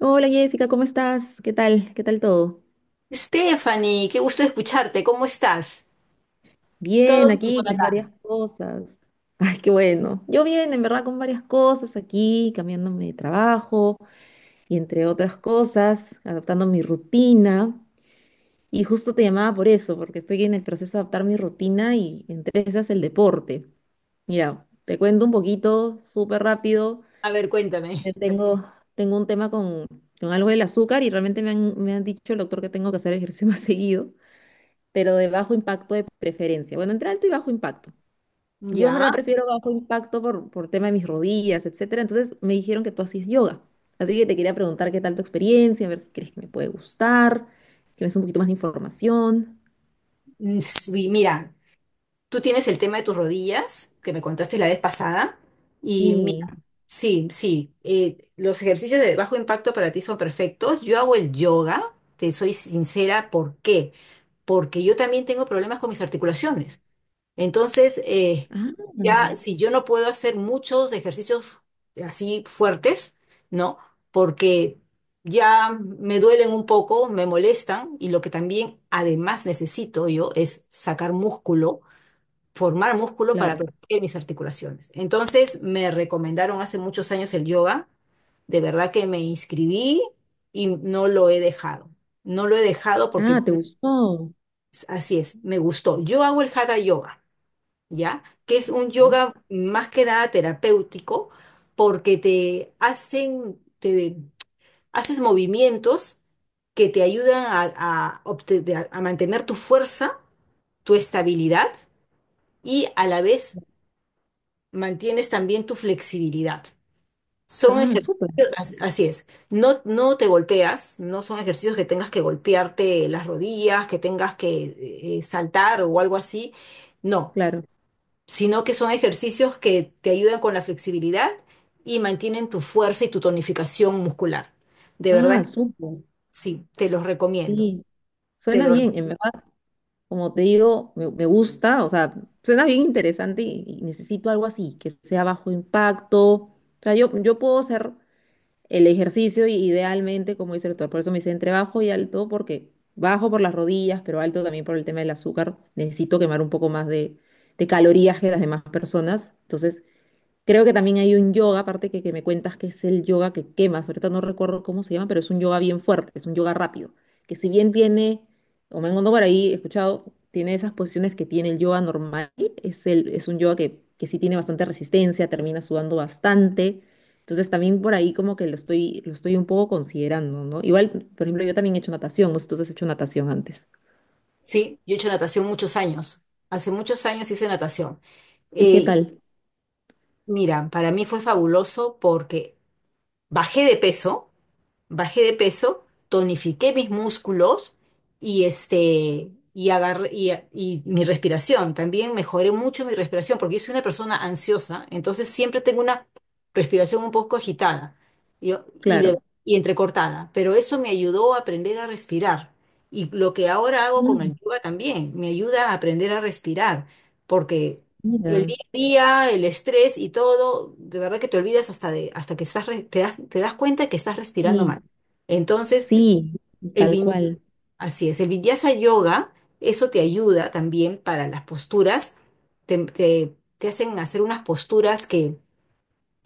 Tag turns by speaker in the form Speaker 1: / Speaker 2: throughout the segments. Speaker 1: Hola Jessica, ¿cómo estás? ¿Qué tal? ¿Qué tal todo?
Speaker 2: Stephanie, qué gusto escucharte. ¿Cómo estás?
Speaker 1: Bien,
Speaker 2: Todo bien por
Speaker 1: aquí con
Speaker 2: acá.
Speaker 1: varias cosas. Ay, qué bueno. Yo bien, en verdad, con varias cosas aquí, cambiándome de trabajo y entre otras cosas, adaptando mi rutina. Y justo te llamaba por eso, porque estoy en el proceso de adaptar mi rutina y entre esas el deporte. Mira, te cuento un poquito, súper rápido.
Speaker 2: A ver,
Speaker 1: Yo
Speaker 2: cuéntame.
Speaker 1: tengo, tengo un tema con algo del azúcar y realmente me han dicho el doctor que tengo que hacer ejercicio más seguido. Pero de bajo impacto de preferencia. Bueno, entre alto y bajo impacto. Yo en verdad
Speaker 2: Ya.
Speaker 1: prefiero bajo impacto por tema de mis rodillas, etcétera. Entonces me dijeron que tú hacías yoga. Así que te quería preguntar qué tal tu experiencia, a ver si crees que me puede gustar, que me des un poquito más de información.
Speaker 2: Sí, mira, tú tienes el tema de tus rodillas, que me contaste la vez pasada. Y mira,
Speaker 1: Sí.
Speaker 2: sí, sí. Los ejercicios de bajo impacto para ti son perfectos. Yo hago el yoga, te soy sincera, ¿por qué? Porque yo también tengo problemas con mis articulaciones. Entonces,
Speaker 1: Ah,
Speaker 2: ya si yo no puedo hacer muchos ejercicios así fuertes, ¿no? Porque ya me duelen un poco, me molestan y lo que también además necesito yo es sacar músculo, formar músculo para
Speaker 1: claro.
Speaker 2: proteger mis articulaciones. Entonces, me recomendaron hace muchos años el yoga. De verdad que me inscribí y no lo he dejado. No lo he dejado porque
Speaker 1: Ah, ¿te gustó?
Speaker 2: así es, me gustó. Yo hago el hatha yoga, ¿ya? Que es un
Speaker 1: ¿No?
Speaker 2: yoga más que nada terapéutico porque te hacen, te haces movimientos que te ayudan a, a mantener tu fuerza, tu estabilidad y a la vez mantienes también tu flexibilidad. Son
Speaker 1: Ah,
Speaker 2: ejercicios,
Speaker 1: súper.
Speaker 2: así es, no, no te golpeas, no son ejercicios que tengas que golpearte las rodillas, que tengas que saltar o algo así, no,
Speaker 1: Claro.
Speaker 2: sino que son ejercicios que te ayudan con la flexibilidad y mantienen tu fuerza y tu tonificación muscular. De verdad,
Speaker 1: Ah,
Speaker 2: que
Speaker 1: súper.
Speaker 2: sí, te los recomiendo.
Speaker 1: Sí.
Speaker 2: Te
Speaker 1: Suena
Speaker 2: lo,
Speaker 1: bien, en verdad. Como te digo, me gusta, o sea, suena bien interesante y necesito algo así, que sea bajo impacto. O sea, yo puedo hacer el ejercicio y idealmente, como dice el doctor, por eso me dice entre bajo y alto, porque bajo por las rodillas, pero alto también por el tema del azúcar. Necesito quemar un poco más de calorías que las demás personas. Entonces, creo que también hay un yoga, aparte que me cuentas que es el yoga que quemas. Ahorita no recuerdo cómo se llama, pero es un yoga bien fuerte, es un yoga rápido. Que si bien tiene, o me encontrado por ahí, he escuchado, tiene esas posiciones que tiene el yoga normal, es un yoga que sí tiene bastante resistencia, termina sudando bastante. Entonces también por ahí como que lo estoy un poco considerando, ¿no? Igual, por ejemplo, yo también he hecho natación, no sé si tú has hecho natación antes.
Speaker 2: sí, yo he hecho natación muchos años. Hace muchos años hice natación.
Speaker 1: ¿Y qué
Speaker 2: Y
Speaker 1: tal?
Speaker 2: mira, para mí fue fabuloso porque bajé de peso bajé de peso, tonifiqué mis músculos y y mi respiración. También mejoré mucho mi respiración porque yo soy una persona ansiosa, entonces siempre tengo una respiración un poco agitada y, y, de-
Speaker 1: Claro.
Speaker 2: y entrecortada, pero eso me ayudó a aprender a respirar. Y lo que ahora hago con
Speaker 1: Mm,
Speaker 2: el yoga también, me ayuda a aprender a respirar, porque el
Speaker 1: mira.
Speaker 2: día a día, el estrés y todo, de verdad que te olvidas hasta de, hasta que estás, te das cuenta que estás respirando mal.
Speaker 1: Sí,
Speaker 2: Entonces,
Speaker 1: sí,
Speaker 2: el
Speaker 1: tal
Speaker 2: vinyasa,
Speaker 1: cual.
Speaker 2: así es, el vinyasa yoga, eso te ayuda también para las posturas, te hacen hacer unas posturas que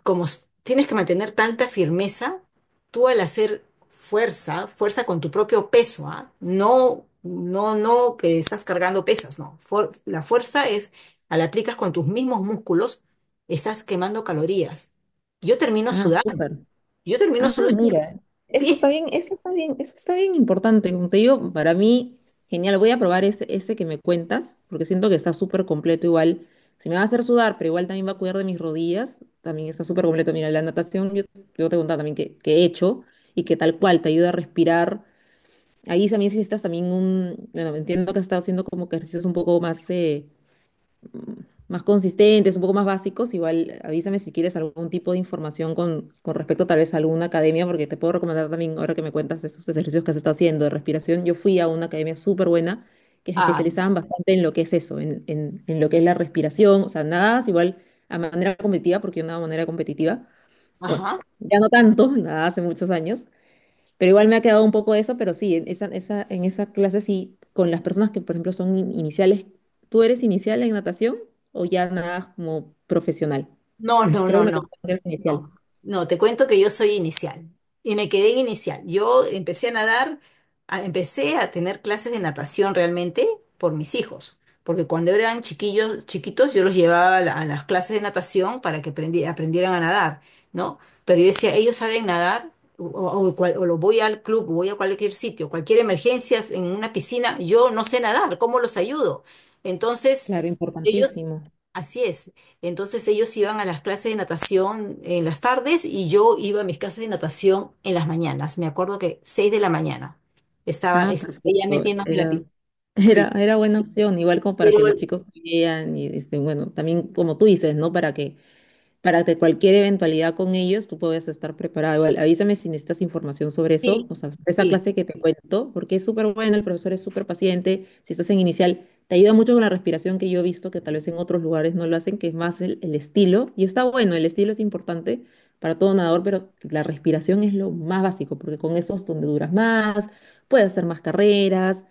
Speaker 2: tienes que mantener tanta firmeza, tú al hacer fuerza con tu propio peso, ¿ah? No, no, no que estás cargando pesas, no. La fuerza es, al aplicas con tus mismos músculos, estás quemando calorías. Yo termino
Speaker 1: Ah,
Speaker 2: sudando,
Speaker 1: súper.
Speaker 2: yo termino
Speaker 1: Ah,
Speaker 2: sudando,
Speaker 1: mira, eso
Speaker 2: sí.
Speaker 1: está bien, eso está bien, eso está bien importante. Como te digo, para mí, genial. Voy a probar ese que me cuentas, porque siento que está súper completo igual. Si me va a hacer sudar, pero igual también va a cuidar de mis rodillas, también está súper completo. Mira, la natación, yo te contaba también que he hecho y que tal cual te ayuda a respirar. Ahí también si necesitas también bueno, entiendo que has estado haciendo como ejercicios un poco más mm, más consistentes, un poco más básicos, igual avísame si quieres algún tipo de información con respecto tal vez a alguna academia, porque te puedo recomendar también, ahora que me cuentas esos ejercicios que has estado haciendo de respiración, yo fui a una academia súper buena que se
Speaker 2: Ah,
Speaker 1: especializaban bastante en lo que es eso, en lo que es la respiración, o sea, nada, igual a manera competitiva, porque yo nadaba de manera competitiva, bueno,
Speaker 2: ajá.
Speaker 1: ya no tanto, nada hace muchos años, pero igual me ha quedado un poco eso, pero sí, en esa clase sí, con las personas que, por ejemplo, son iniciales. ¿Tú eres inicial en natación o ya nadas como profesional?
Speaker 2: No, no,
Speaker 1: Creo
Speaker 2: no,
Speaker 1: que me
Speaker 2: no,
Speaker 1: contaron que eres inicial.
Speaker 2: no, no, te cuento que yo soy inicial y me quedé en inicial. Yo empecé a nadar, empecé a tener clases de natación realmente por mis hijos, porque cuando eran chiquillos, chiquitos, yo los llevaba a, a las clases de natación para que aprendieran a nadar, ¿no? Pero yo decía, ellos saben nadar, o lo voy al club, voy a cualquier sitio, cualquier emergencia en una piscina, yo no sé nadar, ¿cómo los ayudo? Entonces...
Speaker 1: Claro,
Speaker 2: Ellos...
Speaker 1: importantísimo.
Speaker 2: Así es. Entonces ellos iban a las clases de natación en las tardes y yo iba a mis clases de natación en las mañanas. Me acuerdo que 6 de la mañana estaba,
Speaker 1: Ah,
Speaker 2: estaba ya
Speaker 1: perfecto.
Speaker 2: metiéndome en la piscina. Sí,
Speaker 1: Era buena opción, igual como para
Speaker 2: pero
Speaker 1: que los chicos vean y, este, bueno, también como tú dices, ¿no? Para que cualquier eventualidad con ellos tú puedas estar preparado. Igual, avísame si necesitas información sobre eso,
Speaker 2: sí,
Speaker 1: o sea, esa
Speaker 2: sí,
Speaker 1: clase que te cuento, porque es súper buena, el profesor es súper paciente, si estás en inicial, te ayuda mucho con la respiración que yo he visto que tal vez en otros lugares no lo hacen, que es más el estilo, y está bueno, el estilo es importante para todo nadador, pero la respiración es lo más básico, porque con eso es donde duras más, puedes hacer más carreras,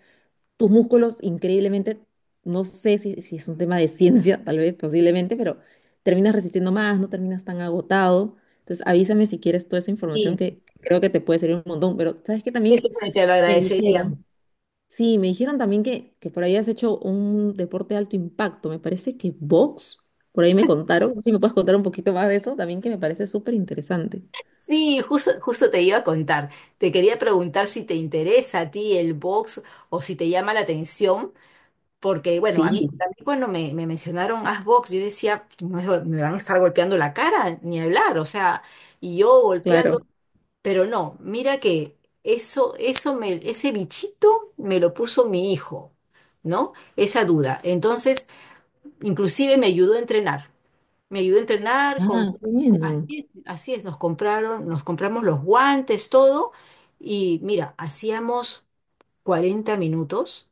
Speaker 1: tus músculos increíblemente, no sé si es un tema de ciencia, tal vez posiblemente, pero terminas resistiendo más, no terminas tan agotado. Entonces avísame si quieres toda esa información
Speaker 2: sí.
Speaker 1: que creo que te puede servir un montón, pero sabes que
Speaker 2: Eso
Speaker 1: también
Speaker 2: sí te lo
Speaker 1: me
Speaker 2: agradecería.
Speaker 1: dijeron, sí, me dijeron también que por ahí has hecho un deporte de alto impacto, me parece que box, por ahí me contaron. No sé si me puedes contar un poquito más de eso, también que me parece súper interesante.
Speaker 2: Sí, justo, justo te iba a contar. Te quería preguntar si te interesa a ti el box o si te llama la atención. Porque, bueno, a mí
Speaker 1: Sí,
Speaker 2: también cuando me mencionaron Asbox, yo decía: "No, eso, me van a estar golpeando la cara, ni hablar, o sea, y yo golpeando",
Speaker 1: claro.
Speaker 2: pero no, mira que eso me, ese bichito me lo puso mi hijo, ¿no? Esa duda. Entonces, inclusive me ayudó a entrenar, me ayudó a entrenar,
Speaker 1: Ah, qué bueno.
Speaker 2: así es, nos compramos los guantes, todo, y mira, hacíamos 40 minutos,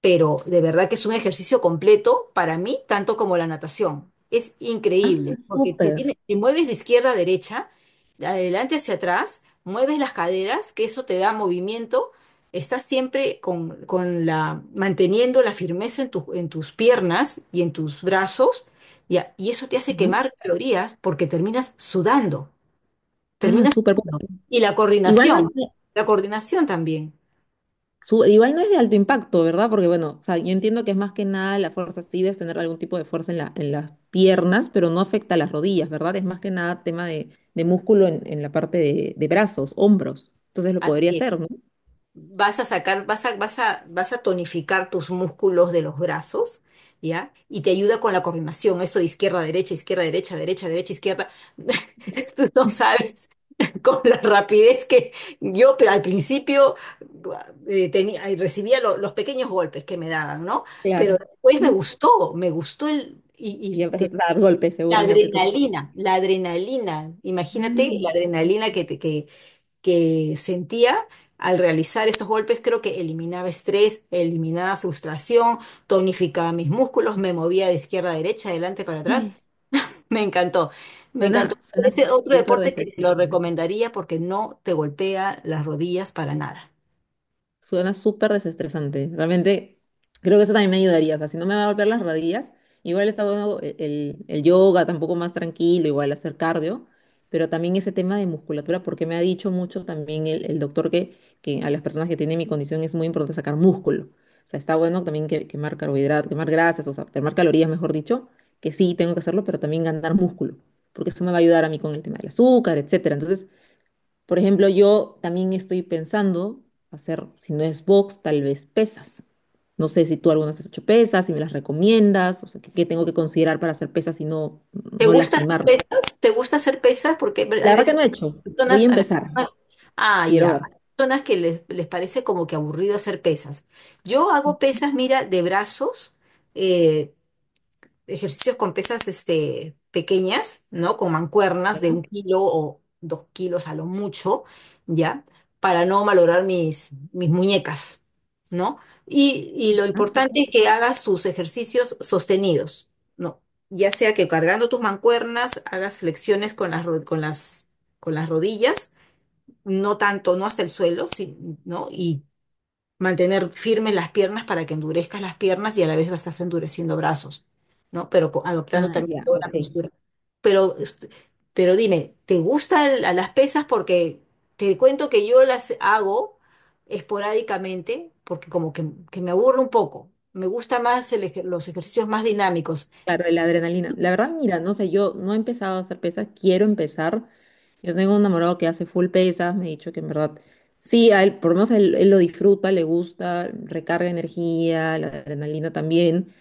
Speaker 2: pero de verdad que es un ejercicio completo para mí, tanto como la natación. Es
Speaker 1: Ah,
Speaker 2: increíble, porque te
Speaker 1: súper.
Speaker 2: tiene, te mueves de izquierda a derecha, de adelante hacia atrás, mueves las caderas, que eso te da movimiento, estás siempre con la, manteniendo la firmeza en, en tus piernas y en tus brazos, y, y eso te hace
Speaker 1: ¿No?
Speaker 2: quemar calorías porque terminas sudando,
Speaker 1: Ah,
Speaker 2: terminas
Speaker 1: súper.
Speaker 2: sudando. Y
Speaker 1: Igual no es
Speaker 2: la coordinación también.
Speaker 1: Igual no es de alto impacto, ¿verdad? Porque bueno, o sea, yo entiendo que es más que nada la fuerza, sí debes tener algún tipo de fuerza en en las piernas, pero no afecta a las rodillas, ¿verdad? Es más que nada tema de músculo en la parte de brazos, hombros. Entonces lo podría
Speaker 2: Así es.
Speaker 1: hacer, ¿no?
Speaker 2: Vas a sacar, vas a tonificar tus músculos de los brazos, ¿ya? Y te ayuda con la coordinación, esto de izquierda, derecha, derecha, derecha, izquierda. Tú no sabes con la rapidez que yo, pero al principio tenía, recibía los pequeños golpes que me daban, ¿no? Pero
Speaker 1: Claro.
Speaker 2: después me gustó el, y
Speaker 1: Y
Speaker 2: te-
Speaker 1: empezaste a dar golpes seguramente tú. también.
Speaker 2: la adrenalina, imagínate la
Speaker 1: Mm.
Speaker 2: adrenalina que te, que sentía al realizar estos golpes, creo que eliminaba estrés, eliminaba frustración, tonificaba mis músculos, me movía de izquierda a derecha, adelante para atrás. Me encantó, me encantó.
Speaker 1: Suena
Speaker 2: Este es otro
Speaker 1: súper
Speaker 2: deporte que te lo
Speaker 1: desestresante.
Speaker 2: recomendaría porque no te golpea las rodillas para nada.
Speaker 1: Suena súper desestresante. Realmente creo que eso también me ayudaría. O sea, si no me va a golpear las rodillas, igual está bueno el yoga, tampoco más tranquilo, igual hacer cardio, pero también ese tema de musculatura, porque me ha dicho mucho también el doctor que a las personas que tienen mi condición es muy importante sacar músculo. O sea, está bueno también quemar carbohidratos, quemar grasas, o sea, quemar calorías, mejor dicho, que sí tengo que hacerlo, pero también ganar músculo, porque eso me va a ayudar a mí con el tema del azúcar, etcétera. Entonces, por ejemplo, yo también estoy pensando hacer, si no es box, tal vez pesas. No sé si tú alguna vez has hecho pesas, si me las recomiendas, o sea, qué tengo que considerar para hacer pesas y
Speaker 2: ¿Te
Speaker 1: no
Speaker 2: gusta hacer
Speaker 1: lastimarme.
Speaker 2: pesas? ¿Te gusta hacer pesas? Porque
Speaker 1: La
Speaker 2: hay
Speaker 1: verdad que
Speaker 2: veces
Speaker 1: no he hecho. Voy
Speaker 2: personas,
Speaker 1: a
Speaker 2: a las
Speaker 1: empezar.
Speaker 2: personas, ah,
Speaker 1: Quiero
Speaker 2: ya,
Speaker 1: ver.
Speaker 2: hay personas que les parece como que aburrido hacer pesas. Yo hago pesas, mira, de brazos, eh, ejercicios con pesas pequeñas, ¿no? Con mancuernas de un
Speaker 1: ¿Ya?
Speaker 2: kilo o 2 kilos a lo mucho, ¿ya? Para no malograr mis, mis muñecas, ¿no? Y lo
Speaker 1: Ah,
Speaker 2: importante
Speaker 1: súper.
Speaker 2: es que hagas tus ejercicios sostenidos, ¿no? Ya sea que cargando tus mancuernas hagas flexiones con las, con las rodillas, no tanto, no hasta el suelo, sí, ¿no? Y mantener firmes las piernas para que endurezcas las piernas y a la vez vas a estar endureciendo brazos, ¿no? Pero adoptando
Speaker 1: Ah,
Speaker 2: también
Speaker 1: ya,
Speaker 2: toda
Speaker 1: ok.
Speaker 2: la postura. Pero, pero dime, ¿te gustan las pesas? Porque te cuento que yo las hago esporádicamente porque como que me aburre un poco. Me gusta más los ejercicios más dinámicos.
Speaker 1: Claro, la adrenalina. La verdad, mira, no sé, yo no he empezado a hacer pesas, quiero empezar. Yo tengo un enamorado que hace full pesas, me ha dicho que en verdad, sí, a él, por lo menos él lo disfruta, le gusta, recarga energía, la adrenalina también.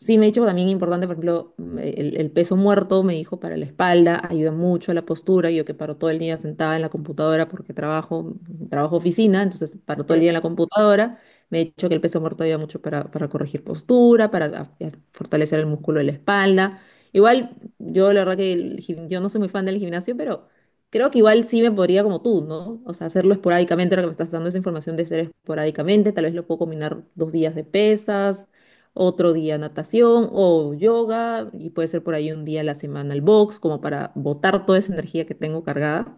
Speaker 1: Sí, me ha dicho también importante, por ejemplo, el peso muerto, me dijo, para la espalda, ayuda mucho a la postura. Yo que paro todo el día sentada en la computadora porque trabajo oficina, entonces paro todo el día en la computadora. Me ha dicho que el peso muerto ayuda mucho para corregir postura, para a fortalecer el músculo de la espalda. Igual, yo la verdad que yo no soy muy fan del gimnasio, pero creo que igual sí me podría como tú, ¿no? O sea, hacerlo esporádicamente, ahora que me estás dando esa información de hacer esporádicamente, tal vez lo puedo combinar dos días de pesas, otro día natación o yoga, y puede ser por ahí un día a la semana el box, como para botar toda esa energía que tengo cargada.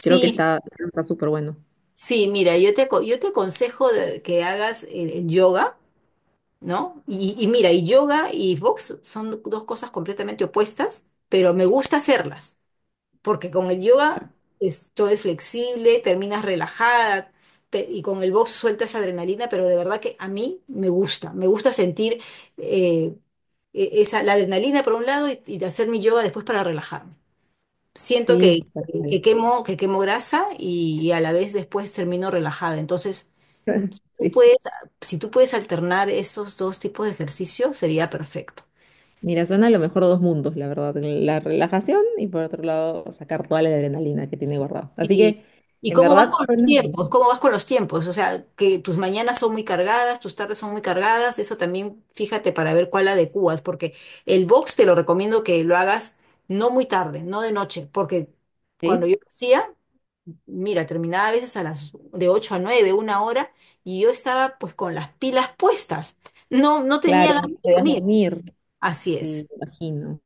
Speaker 1: Creo que está súper bueno.
Speaker 2: sí, mira, yo te, yo te aconsejo que hagas el yoga, ¿no? Y mira, y yoga y box son dos cosas completamente opuestas, pero me gusta hacerlas, porque con el yoga
Speaker 1: Claro.
Speaker 2: es, todo es flexible, terminas relajada, y con el box sueltas adrenalina, pero de verdad que a mí me gusta sentir eh, esa, la adrenalina por un lado y hacer mi yoga después para relajarme. Siento
Speaker 1: Sí, tal cual.
Speaker 2: que quemo grasa y a la vez después termino relajada, entonces tú
Speaker 1: Sí.
Speaker 2: puedes, si tú puedes alternar esos dos tipos de ejercicio, sería perfecto.
Speaker 1: Mira, suena a lo mejor dos mundos, la verdad. La relajación y por otro lado sacar toda la adrenalina que tiene guardado. Así
Speaker 2: ¿Y,
Speaker 1: que, en
Speaker 2: cómo vas
Speaker 1: verdad,
Speaker 2: con los
Speaker 1: suena bien,
Speaker 2: tiempos? ¿Cómo vas con los tiempos? O sea, que tus mañanas son muy cargadas, tus tardes son muy cargadas, eso también fíjate para ver cuál adecuas, porque el box te lo recomiendo que lo hagas no muy tarde, no de noche, porque cuando
Speaker 1: ¿sí?
Speaker 2: yo lo hacía, mira, terminaba a veces a las de 8 a 9 1 hora, y yo estaba pues con las pilas puestas. No, no tenía
Speaker 1: Claro,
Speaker 2: ganas
Speaker 1: no
Speaker 2: de
Speaker 1: te dejas
Speaker 2: dormir.
Speaker 1: dormir.
Speaker 2: Así es.
Speaker 1: Sí, imagino,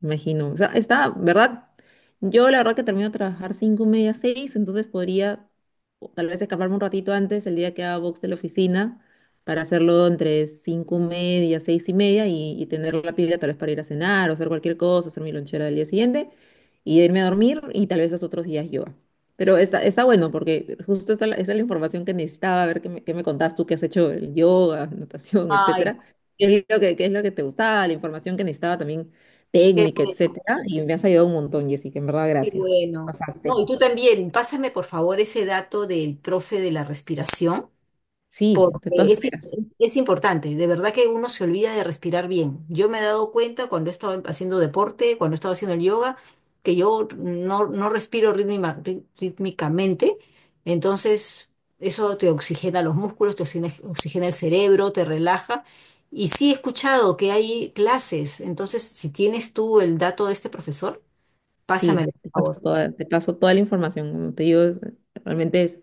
Speaker 1: imagino. O sea, está, ¿verdad? Yo la verdad que termino de trabajar 5:30, 6:00, entonces podría, o tal vez escaparme un ratito antes el día que haga box de la oficina para hacerlo entre 5:30, 6:30, y tener la pila tal vez para ir a cenar o hacer cualquier cosa, hacer mi lonchera del día siguiente y irme a dormir, y tal vez los otros días yoga. Pero está bueno porque justo esa es la información que necesitaba, a ver qué me contás tú, qué has hecho el yoga, natación,
Speaker 2: Ay,
Speaker 1: etcétera. Qué es lo qué es lo que te gustaba, la información que necesitaba también,
Speaker 2: qué
Speaker 1: técnica,
Speaker 2: bueno.
Speaker 1: etcétera. Y me has ayudado un montón, Jessica, en verdad,
Speaker 2: Qué
Speaker 1: gracias. Te
Speaker 2: bueno. No, y
Speaker 1: pasaste.
Speaker 2: tú también, pásame por favor ese dato del profe de la respiración,
Speaker 1: Sí,
Speaker 2: porque
Speaker 1: de todas
Speaker 2: es,
Speaker 1: maneras.
Speaker 2: es importante. De verdad que uno se olvida de respirar bien. Yo me he dado cuenta cuando he estado haciendo deporte, cuando he estado haciendo el yoga, que yo no, no respiro rítmicamente. Entonces, eso te oxigena los músculos, te oxigena, oxigena el cerebro, te relaja. Y sí he escuchado que hay clases. Entonces, si tienes tú el dato de este profesor,
Speaker 1: Sí,
Speaker 2: pásamelo, por favor.
Speaker 1: te paso toda la información. Como te digo, realmente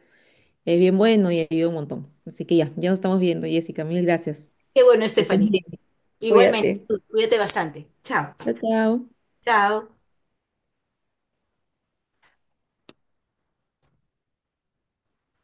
Speaker 1: es bien bueno y ayuda un montón. Así que ya, ya nos estamos viendo, Jessica. Mil gracias.
Speaker 2: Qué bueno,
Speaker 1: Que estés
Speaker 2: Stephanie.
Speaker 1: bien.
Speaker 2: Igualmente,
Speaker 1: Cuídate.
Speaker 2: cuídate bastante. Chao.
Speaker 1: Chao, chao.
Speaker 2: Chao.